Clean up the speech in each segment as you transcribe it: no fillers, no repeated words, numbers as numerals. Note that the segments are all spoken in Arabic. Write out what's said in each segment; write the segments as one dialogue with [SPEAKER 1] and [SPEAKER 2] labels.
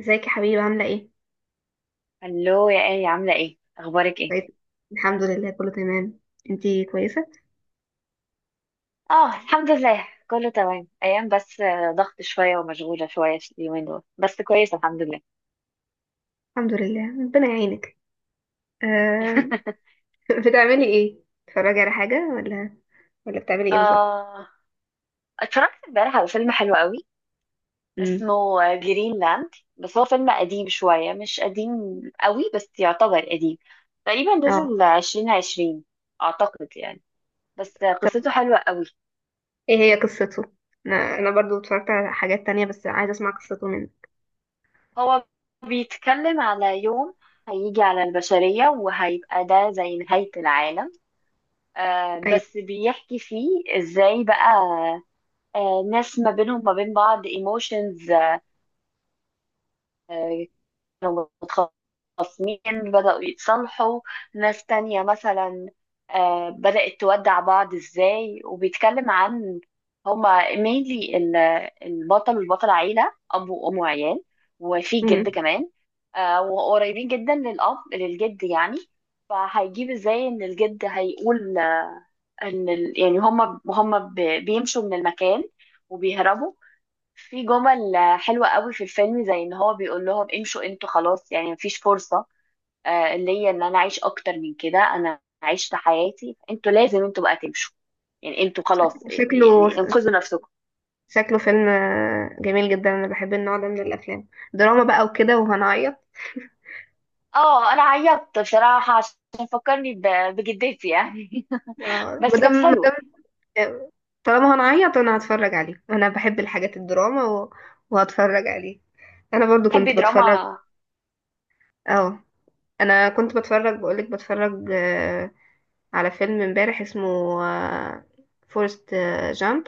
[SPEAKER 1] ازيك يا حبيبي، عاملة ايه؟
[SPEAKER 2] الو، يا ايه عامله ايه اخبارك ايه؟
[SPEAKER 1] كويس، الحمد لله كله تمام. انتي كويسة؟
[SPEAKER 2] اه الحمد لله كله تمام ايام، بس ضغط شويه ومشغوله شويه في اليومين دول، بس كويس الحمد لله.
[SPEAKER 1] الحمد لله، ربنا يعينك. آه. بتعملي ايه؟ بتتفرجي على حاجة ولا بتعملي ايه بالظبط؟
[SPEAKER 2] آه، اتفرجت امبارح على فيلم حلو قوي
[SPEAKER 1] امم
[SPEAKER 2] اسمه جرينلاند. بس هو فيلم قديم شوية، مش قديم قوي بس يعتبر قديم. تقريبا
[SPEAKER 1] اه.
[SPEAKER 2] نزل عشرين عشرين، أعتقد يعني. بس
[SPEAKER 1] طب
[SPEAKER 2] قصته حلوة قوي.
[SPEAKER 1] ايه هي قصته؟ انا برضو اتفرجت على حاجات تانية، بس عايزة اسمع قصته منه.
[SPEAKER 2] هو بيتكلم على يوم هيجي على البشرية، وهيبقى ده زي نهاية العالم.
[SPEAKER 1] ايوه.
[SPEAKER 2] بس بيحكي فيه ازاي بقى ناس ما بينهم ما بين بعض ايموشنز، كانوا متخاصمين بدأوا يتصالحوا. ناس تانية مثلا بدأت تودع بعض ازاي. وبيتكلم عن، هما مينلي، البطل والبطلة، عيلة أب وأم وعيال، وفي جد
[SPEAKER 1] مم.
[SPEAKER 2] كمان. وقريبين جدا للأب، للجد يعني. فهيجيب ازاي ان الجد هيقول ان ال... يعني هم ب... بيمشوا من المكان وبيهربوا. في جمل حلوة قوي في الفيلم، زي ان هو بيقول لهم امشوا انتوا خلاص، يعني مفيش فرصة ليا ان انا اعيش اكتر من كده. انا عشت حياتي، انتوا لازم بقى تمشوا. يعني انتوا
[SPEAKER 1] شك-
[SPEAKER 2] خلاص
[SPEAKER 1] شكله
[SPEAKER 2] يعني انقذوا نفسكم.
[SPEAKER 1] شكله فيلم جميل جدا، انا بحب النوع ده من الافلام، دراما بقى وكده وهنعيط.
[SPEAKER 2] اه انا عيطت بصراحة، عشان فكرني ب... بجدتي يعني.
[SPEAKER 1] آه،
[SPEAKER 2] بس
[SPEAKER 1] مادام
[SPEAKER 2] كانت
[SPEAKER 1] مادام
[SPEAKER 2] حلوة.
[SPEAKER 1] طالما هنعيط انا هتفرج عليه، انا بحب الحاجات الدراما وهتفرج عليه. انا برضو
[SPEAKER 2] تحبي
[SPEAKER 1] كنت بتفرج.
[SPEAKER 2] دراما؟
[SPEAKER 1] اه، انا كنت بتفرج، بقولك بتفرج على فيلم امبارح اسمه فورست جامب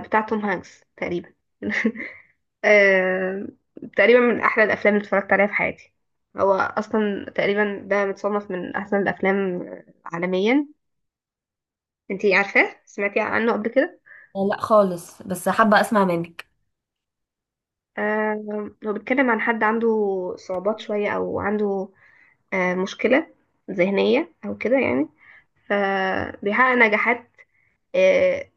[SPEAKER 1] بتاع توم هانكس تقريبا. آه، تقريبا من احلى الافلام اللي اتفرجت عليها في حياتي، هو اصلا تقريبا ده متصنف من احسن الافلام عالميا. انتي عارفاه؟ سمعتي عنه قبل كده؟
[SPEAKER 2] لا خالص، بس حابة اسمع منك.
[SPEAKER 1] هو بيتكلم عن حد عنده صعوبات شوية، أو عنده مشكلة ذهنية أو كده يعني، فبيحقق نجاحات آه،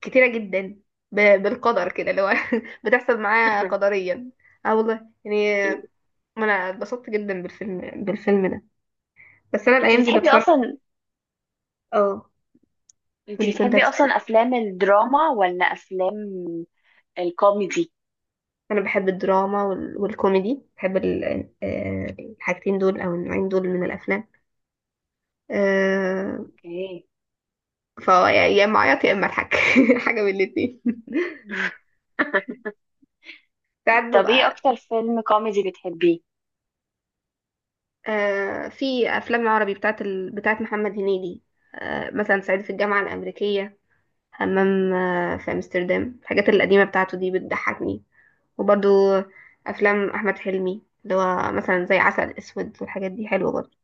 [SPEAKER 1] كتيرة جدا، بالقدر كده اللي هو بتحصل معاه قدريا. اه والله، يعني أنا اتبسطت جدا بالفيلم ده. بس أنا
[SPEAKER 2] انت
[SPEAKER 1] الأيام دي
[SPEAKER 2] بتحبي
[SPEAKER 1] بتفرج.
[SPEAKER 2] اصلا،
[SPEAKER 1] اه،
[SPEAKER 2] انت
[SPEAKER 1] ودي كنت
[SPEAKER 2] بتحبي اصلا
[SPEAKER 1] هتسألي.
[SPEAKER 2] افلام الدراما ولا افلام الكوميدي؟
[SPEAKER 1] أنا بحب الدراما والكوميدي، بحب الحاجتين دول، أو النوعين دول من الأفلام. آه،
[SPEAKER 2] اوكي.
[SPEAKER 1] فهو يا اما اعيط يا اما اضحك، حاجه من الاتنين. ساعات
[SPEAKER 2] طب ايه
[SPEAKER 1] ببقى
[SPEAKER 2] اكتر فيلم كوميدي بتحبيه؟
[SPEAKER 1] في افلام عربي بتاعت بتاعت محمد هنيدي، مثلا صعيدي في الجامعه الامريكيه، همام في امستردام، الحاجات القديمه بتاعته دي بتضحكني. وبرضو افلام احمد حلمي، اللي هو مثلا زي عسل اسود والحاجات دي، حلوه برضو.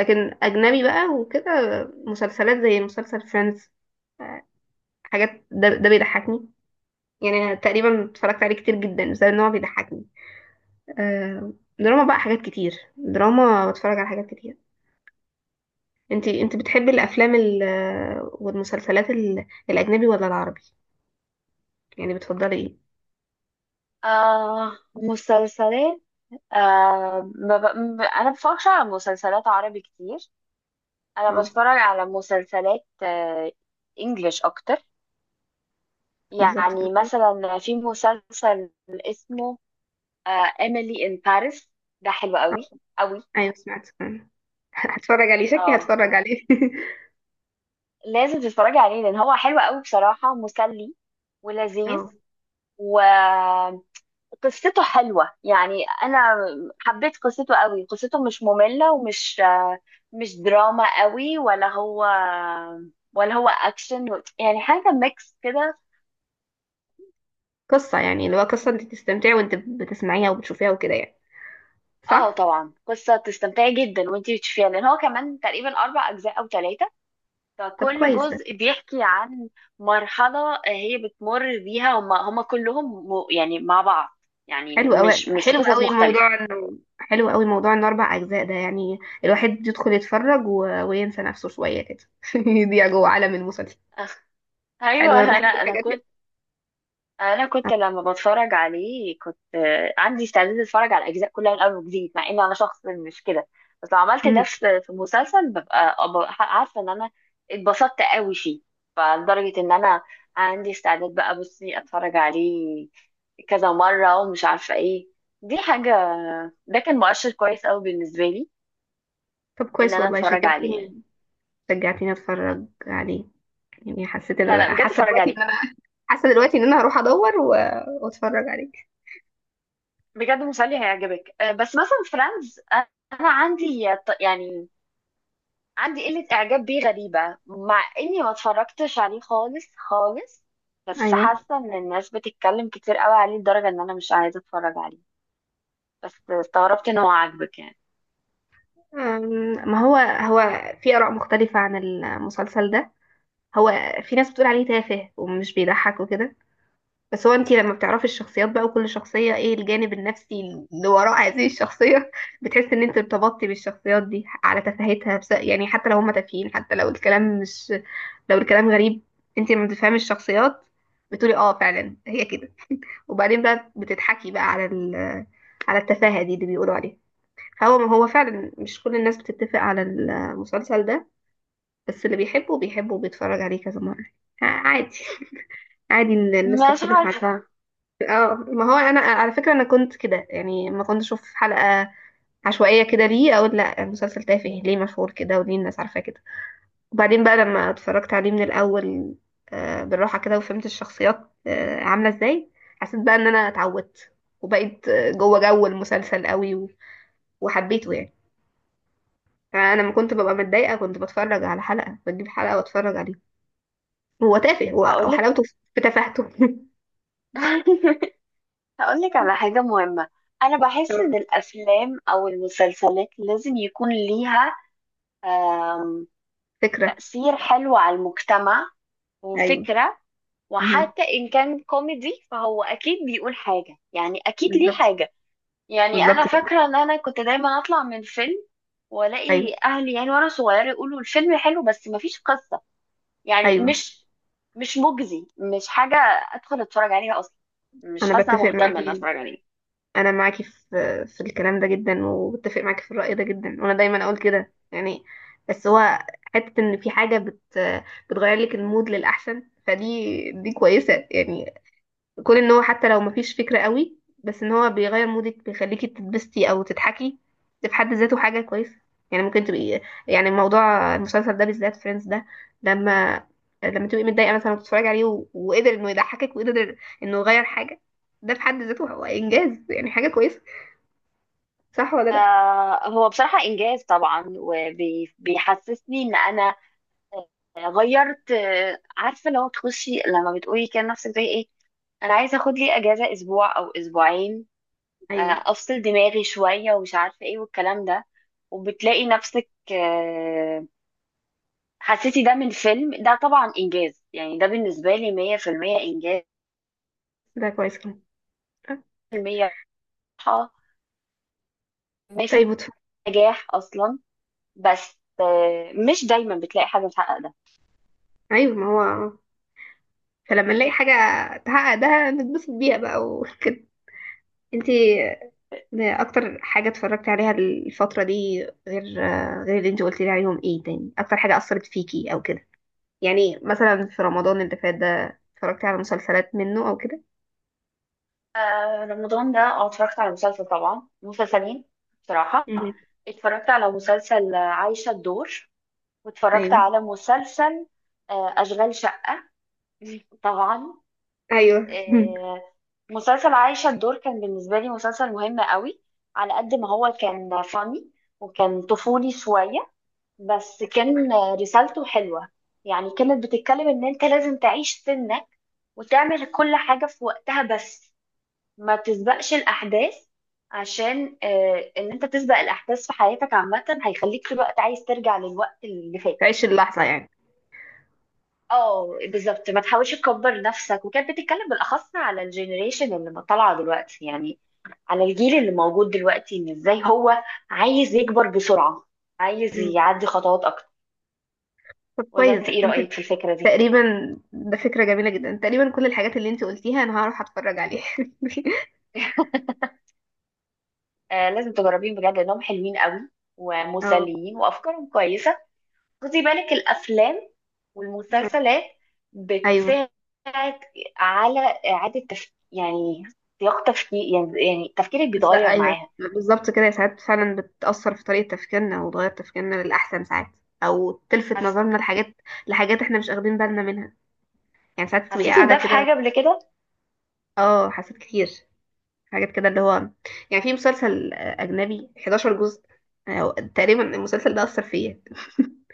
[SPEAKER 1] لكن اجنبي بقى وكده، مسلسلات زي مسلسل فريندز، حاجات ده بيضحكني. يعني أنا تقريبا اتفرجت عليه كتير جدا بسبب ان هو بيضحكني. آه، دراما بقى حاجات كتير، دراما بتفرج على حاجات كتير. انت بتحبي الافلام والمسلسلات الاجنبي ولا العربي؟ يعني بتفضلي ايه؟
[SPEAKER 2] آه، مسلسلات. آه، ما ب... م- انا بفرجش على مسلسلات عربي كتير. انا
[SPEAKER 1] اه.
[SPEAKER 2] بتفرج على مسلسلات آه، انجليش اكتر.
[SPEAKER 1] بالظبط كده.
[SPEAKER 2] يعني مثلا في مسلسل اسمه آه Emily in Paris. ده حلو
[SPEAKER 1] اه.
[SPEAKER 2] قوي قوي.
[SPEAKER 1] ايوه، سمعت كمان. هتفرج عليه، شكلي
[SPEAKER 2] اه
[SPEAKER 1] هتفرج عليه.
[SPEAKER 2] لازم تتفرجي عليه، لان هو حلو قوي بصراحه، مسلي ولذيذ.
[SPEAKER 1] اه.
[SPEAKER 2] وقصته حلوه يعني. انا حبيت قصته قوي. قصته مش ممله ومش مش دراما قوي، ولا هو، ولا هو اكشن، يعني حاجه ميكس كده.
[SPEAKER 1] قصة يعني اللي هو قصة انت تستمتعي وانت بتسمعيها وبتشوفيها وكده يعني.
[SPEAKER 2] اه
[SPEAKER 1] صح.
[SPEAKER 2] طبعا قصه تستمتعي جدا وانتي بتشوفيها، لان هو كمان تقريبا اربع اجزاء او ثلاثه.
[SPEAKER 1] طب
[SPEAKER 2] فكل
[SPEAKER 1] كويس ده.
[SPEAKER 2] جزء بيحكي عن مرحلة هي بتمر بيها، هم كلهم م- يعني مع بعض. يعني
[SPEAKER 1] حلو قوي
[SPEAKER 2] مش
[SPEAKER 1] حلو
[SPEAKER 2] قصص
[SPEAKER 1] قوي
[SPEAKER 2] مختلفة.
[SPEAKER 1] موضوع انه، حلو قوي موضوع انه اربع اجزاء، ده يعني الواحد يدخل يتفرج وينسى نفسه شوية كده، يضيع جوه عالم المسلسل. حلو،
[SPEAKER 2] ايوه.
[SPEAKER 1] انا
[SPEAKER 2] انا
[SPEAKER 1] بحب
[SPEAKER 2] انا
[SPEAKER 1] الحاجات دي.
[SPEAKER 2] كنت، انا
[SPEAKER 1] آه.
[SPEAKER 2] كنت لما بتفرج عليه كنت عندي استعداد اتفرج على الاجزاء كلها من اول وجديد، مع ان انا شخص مش كده. بس لو عملت ده
[SPEAKER 1] مم.
[SPEAKER 2] في مسلسل ببقى أبقى عارفه ان انا اتبسطت قوي فيه. فلدرجه ان انا عندي استعداد بقى، بصي، اتفرج عليه كذا مره ومش عارفه ايه. دي حاجه، ده كان مؤشر كويس قوي بالنسبه لي
[SPEAKER 1] طب
[SPEAKER 2] ان
[SPEAKER 1] كويس
[SPEAKER 2] انا
[SPEAKER 1] والله،
[SPEAKER 2] اتفرج عليه يعني.
[SPEAKER 1] شجعتني اتفرج عليه، يعني حسيت ان
[SPEAKER 2] لا لا
[SPEAKER 1] انا،
[SPEAKER 2] بجد
[SPEAKER 1] حاسه
[SPEAKER 2] اتفرج
[SPEAKER 1] دلوقتي
[SPEAKER 2] عليه،
[SPEAKER 1] ان انا حاسه دلوقتي ان انا هروح ادور واتفرج عليه.
[SPEAKER 2] بجد مسلي هيعجبك. بس مثلا فريندز، انا عندي ط- يعني عندي قلة إعجاب بيه غريبة، مع إني ما اتفرجتش عليه خالص خالص. بس
[SPEAKER 1] ايوه.
[SPEAKER 2] حاسة إن الناس بتتكلم كتير قوي عليه لدرجة إن أنا مش عايزة أتفرج عليه. بس استغربت إن هو عاجبك يعني.
[SPEAKER 1] أم، ما هو في اراء مختلفه عن المسلسل ده. هو في ناس بتقول عليه تافه ومش بيضحك وكده، بس هو انتي لما بتعرفي الشخصيات بقى، وكل شخصية ايه الجانب النفسي اللي وراء هذه الشخصية، بتحسي ان انت ارتبطتي بالشخصيات دي على تفاهتها، بس يعني حتى لو هما تافهين، حتى لو الكلام مش لو الكلام غريب، انتي لما بتفهمي الشخصيات بتقولي اه فعلا هي كده، وبعدين بقى بتضحكي بقى على على التفاهة دي اللي بيقولوا عليها. فهو فعلا مش كل الناس بتتفق على المسلسل ده، بس اللي بيحبه بيحبه وبيتفرج عليه كذا مرة. عادي، عادي ان الناس
[SPEAKER 2] مش
[SPEAKER 1] تختلف.
[SPEAKER 2] عارفة.
[SPEAKER 1] اه، ما هو انا على فكره انا كنت كده يعني، ما كنت اشوف حلقه عشوائيه كده، ليه اقول لا المسلسل تافه، ليه مشهور كده وليه الناس عارفاه كده؟ وبعدين بقى لما اتفرجت عليه من الاول بالراحه كده، وفهمت الشخصيات عامله ازاي، حسيت بقى ان انا اتعودت، وبقيت جوه جو المسلسل قوي وحبيته يعني. انا لما كنت ببقى متضايقه، كنت بتفرج على حلقه، بجيب حلقه واتفرج عليه. هو تافه، هو
[SPEAKER 2] هقولك،
[SPEAKER 1] وحلاوته في تفاهته.
[SPEAKER 2] هقولك على حاجة مهمة. أنا بحس إن الأفلام أو المسلسلات لازم يكون ليها آم،
[SPEAKER 1] فكره.
[SPEAKER 2] تأثير حلو على المجتمع
[SPEAKER 1] ايوه،
[SPEAKER 2] وفكرة.
[SPEAKER 1] مهم.
[SPEAKER 2] وحتى إن كان كوميدي فهو أكيد بيقول حاجة، يعني أكيد ليه
[SPEAKER 1] بالظبط.
[SPEAKER 2] حاجة. يعني انا
[SPEAKER 1] بالظبط كده.
[SPEAKER 2] فاكره ان انا كنت دايما اطلع من فيلم
[SPEAKER 1] ايوه.
[SPEAKER 2] والاقي اهلي، يعني وانا صغيره، يقولوا الفيلم حلو بس مفيش قصه. يعني
[SPEAKER 1] ايوه،
[SPEAKER 2] مش مجزي، مش حاجه ادخل اتفرج عليها اصلا. مش
[SPEAKER 1] انا
[SPEAKER 2] حاسه أنا
[SPEAKER 1] بتفق
[SPEAKER 2] مهتمه ان
[SPEAKER 1] معاكي،
[SPEAKER 2] اتفرج عليه.
[SPEAKER 1] انا معاكي في الكلام ده جدا، وبتفق معاكي في الرأي ده جدا، وانا دايما اقول كده يعني. بس هو حتة ان في حاجة بتغير لك المود للأحسن، فدي كويسة يعني. كون ان هو حتى لو مفيش فكرة قوي، بس ان هو بيغير مودك، بيخليكي تتبسطي او تضحكي، ده في حد ذاته حاجة كويسة، يعني ممكن تبقي، يعني موضوع المسلسل ده بالذات فريندز ده، لما تبقي متضايقة مثلا وتتفرجي عليه، وقدر انه يضحكك وقدر انه يغير حاجة، ده في حد ذاته هو انجاز، يعني حاجة كويسة. صح ولا لا؟
[SPEAKER 2] آه هو بصراحه انجاز طبعا، وبيحسسني ان انا غيرت. عارفه لو تخشي لما بتقولي كده نفسك زي ايه، انا عايزه اخد لي اجازه اسبوع او اسبوعين،
[SPEAKER 1] ايوه.
[SPEAKER 2] افصل دماغي شويه ومش عارفه ايه والكلام ده، وبتلاقي نفسك حسيتي ده من فيلم، ده طبعا انجاز. يعني ده بالنسبه لي 100% انجاز،
[SPEAKER 1] ده كويس كمان.
[SPEAKER 2] 100% راحه، 100%
[SPEAKER 1] طيب،
[SPEAKER 2] نجاح اصلا. بس مش دايما بتلاقي حاجه تحقق ده.
[SPEAKER 1] ايوه ما هو، فلما نلاقي حاجة تحقق ده نتبسط بيها بقى انتي، ده اكتر حاجه اتفرجت عليها الفتره دي، غير اللي انت قلت لي عليهم. ايه تاني اكتر حاجه اثرت فيكي او كده؟ يعني مثلا في رمضان اللي فات ده اتفرجت على مسلسلات منه او كده؟
[SPEAKER 2] رمضان ده اه اتفرجت على مسلسل، طبعا مسلسلين بصراحة.
[SPEAKER 1] مم.
[SPEAKER 2] اتفرجت على مسلسل عايشة الدور، واتفرجت
[SPEAKER 1] ايوه،
[SPEAKER 2] على مسلسل أشغال شقة. طبعا.
[SPEAKER 1] ايوه.
[SPEAKER 2] آه، مسلسل عايشة الدور كان بالنسبة لي مسلسل مهم قوي. على قد ما هو كان فاني وكان طفولي شوية، بس كان رسالته حلوة. يعني كانت بتتكلم ان انت لازم تعيش سنك وتعمل كل حاجة في وقتها، بس ما تسبقش الأحداث. عشان ان انت تسبق الأحداث في حياتك عامة هيخليك في الوقت عايز ترجع للوقت اللي فات.
[SPEAKER 1] تعيش اللحظه يعني.
[SPEAKER 2] اه بالظبط، ما تحاولش تكبر نفسك. وكانت بتتكلم بالاخص على الجنريشن اللي طالعه دلوقتي، يعني على الجيل اللي موجود دلوقتي، ان ازاي هو عايز يكبر بسرعه، عايز
[SPEAKER 1] مم.
[SPEAKER 2] يعدي خطوات اكتر.
[SPEAKER 1] طب
[SPEAKER 2] ولا
[SPEAKER 1] كويس
[SPEAKER 2] انت
[SPEAKER 1] ده.
[SPEAKER 2] ايه
[SPEAKER 1] انت
[SPEAKER 2] رايك في الفكره دي؟
[SPEAKER 1] تقريبا، ده فكره جميله جدا، تقريبا كل الحاجات اللي انت قلتيها انا هروح اتفرج عليها.
[SPEAKER 2] آه لازم تجربين بجد، لانهم حلوين قوي
[SPEAKER 1] اه.
[SPEAKER 2] ومسليين وافكارهم كويسه. خدي بالك، الافلام والمسلسلات
[SPEAKER 1] ايوه.
[SPEAKER 2] بتساعد على اعاده تفكير يعني، سياق تفكير يعني، يعني تفكيرك
[SPEAKER 1] بس لا،
[SPEAKER 2] بيتغير
[SPEAKER 1] ايوه
[SPEAKER 2] معاها.
[SPEAKER 1] بالظبط كده، ساعات فعلا بتأثر في طريقة تفكيرنا وتغير تفكيرنا للأحسن ساعات، أو تلفت نظرنا لحاجات احنا مش واخدين بالنا منها. يعني ساعات تبقي
[SPEAKER 2] حسيتي
[SPEAKER 1] قاعدة
[SPEAKER 2] بده في
[SPEAKER 1] كده.
[SPEAKER 2] حاجة قبل كده؟
[SPEAKER 1] اه، حسيت كتير حاجات كده اللي هو، يعني في مسلسل أجنبي 11 جزء، تقريبا المسلسل ده أثر فيا.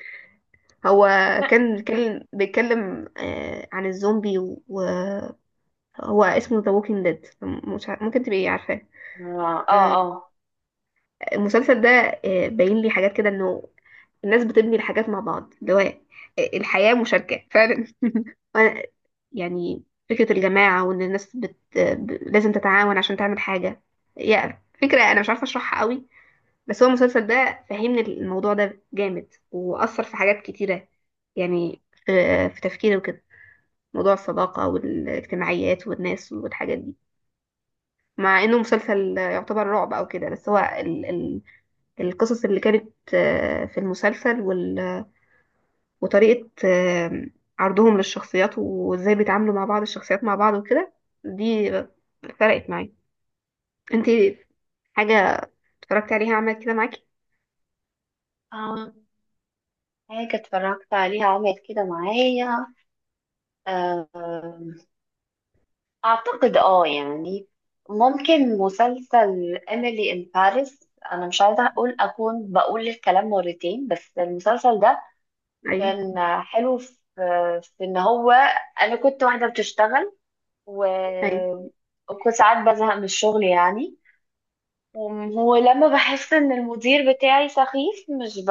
[SPEAKER 1] هو
[SPEAKER 2] لا
[SPEAKER 1] كان بيتكلم عن الزومبي، وهو اسمه ذا ووكينج ديد، ممكن تبقي عارفاه.
[SPEAKER 2] اه
[SPEAKER 1] آه،
[SPEAKER 2] اه
[SPEAKER 1] المسلسل ده باين لي حاجات كده، انه الناس بتبني الحاجات مع بعض، اللي هو الحياة مشاركة فعلا، وأنا- يعني فكرة الجماعة، وإن الناس لازم تتعاون عشان تعمل حاجة. يعني فكرة أنا مش عارفة أشرحها قوي، بس هو المسلسل ده فهمني الموضوع ده جامد، وأثر في حاجات كتيرة، يعني في, في تفكيري وكده. موضوع الصداقة والاجتماعيات والناس والحاجات دي، مع إنه مسلسل يعتبر رعب أو كده، بس هو القصص اللي كانت في المسلسل وطريقة عرضهم للشخصيات، وازاي بيتعاملوا مع بعض، الشخصيات مع بعض وكده، دي فرقت معايا. انت حاجة اتفرجتي عليها عملت كده معاكي؟
[SPEAKER 2] اه آه. حاجة اتفرجت عليها عملت كده معايا، آه، أعتقد اه يعني، ممكن مسلسل إيميلي إن باريس. أنا مش عايزة أقول، أكون بقول الكلام مرتين، بس المسلسل ده
[SPEAKER 1] ايوه.
[SPEAKER 2] كان حلو في، في إن هو، أنا كنت واحدة بتشتغل و...
[SPEAKER 1] ايوه.
[SPEAKER 2] وكنت ساعات بزهق من الشغل يعني. ولما بحس ان المدير بتاعي سخيف، مش ب...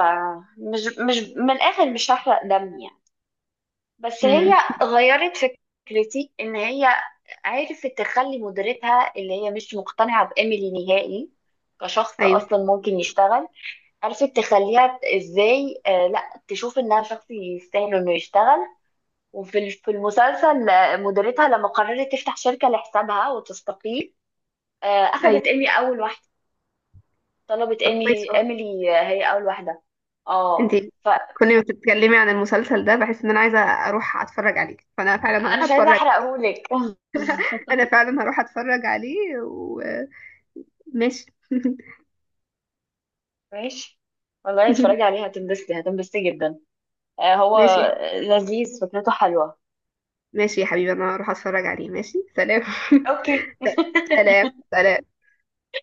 [SPEAKER 2] مش من الاخر مش هحرق دم يعني. بس هي
[SPEAKER 1] امم.
[SPEAKER 2] غيرت فكرتي، ان هي عرفت تخلي مديرتها، اللي هي مش مقتنعة بإيميلي نهائي كشخص
[SPEAKER 1] ايوه.
[SPEAKER 2] اصلا ممكن يشتغل، عرفت تخليها ازاي آه لا، تشوف انها شخص يستاهل انه يشتغل. في المسلسل مديرتها لما قررت تفتح شركة لحسابها وتستقيل
[SPEAKER 1] ايوه.
[SPEAKER 2] اخذت ايمي اول واحدة، طلبت
[SPEAKER 1] طب
[SPEAKER 2] ايمي،
[SPEAKER 1] كويس
[SPEAKER 2] هي
[SPEAKER 1] والله.
[SPEAKER 2] ايميلي، هي اول واحده.
[SPEAKER 1] انت
[SPEAKER 2] اه فانا
[SPEAKER 1] كل ما بتتكلمي عن المسلسل ده بحس ان انا عايزة اروح اتفرج عليه، فانا فعلا هروح
[SPEAKER 2] مش عايزه
[SPEAKER 1] اتفرج،
[SPEAKER 2] احرقهولك.
[SPEAKER 1] انا فعلا هروح اتفرج عليه، وماشي.
[SPEAKER 2] ماشي. والله اتفرجي عليه هتنبسطي، هتنبسطي جدا. هو
[SPEAKER 1] ماشي.
[SPEAKER 2] لذيذ فكرته حلوه.
[SPEAKER 1] ماشي يا حبيبي، انا هروح اتفرج عليه. ماشي، سلام.
[SPEAKER 2] اوكي.
[SPEAKER 1] سلام، سلام.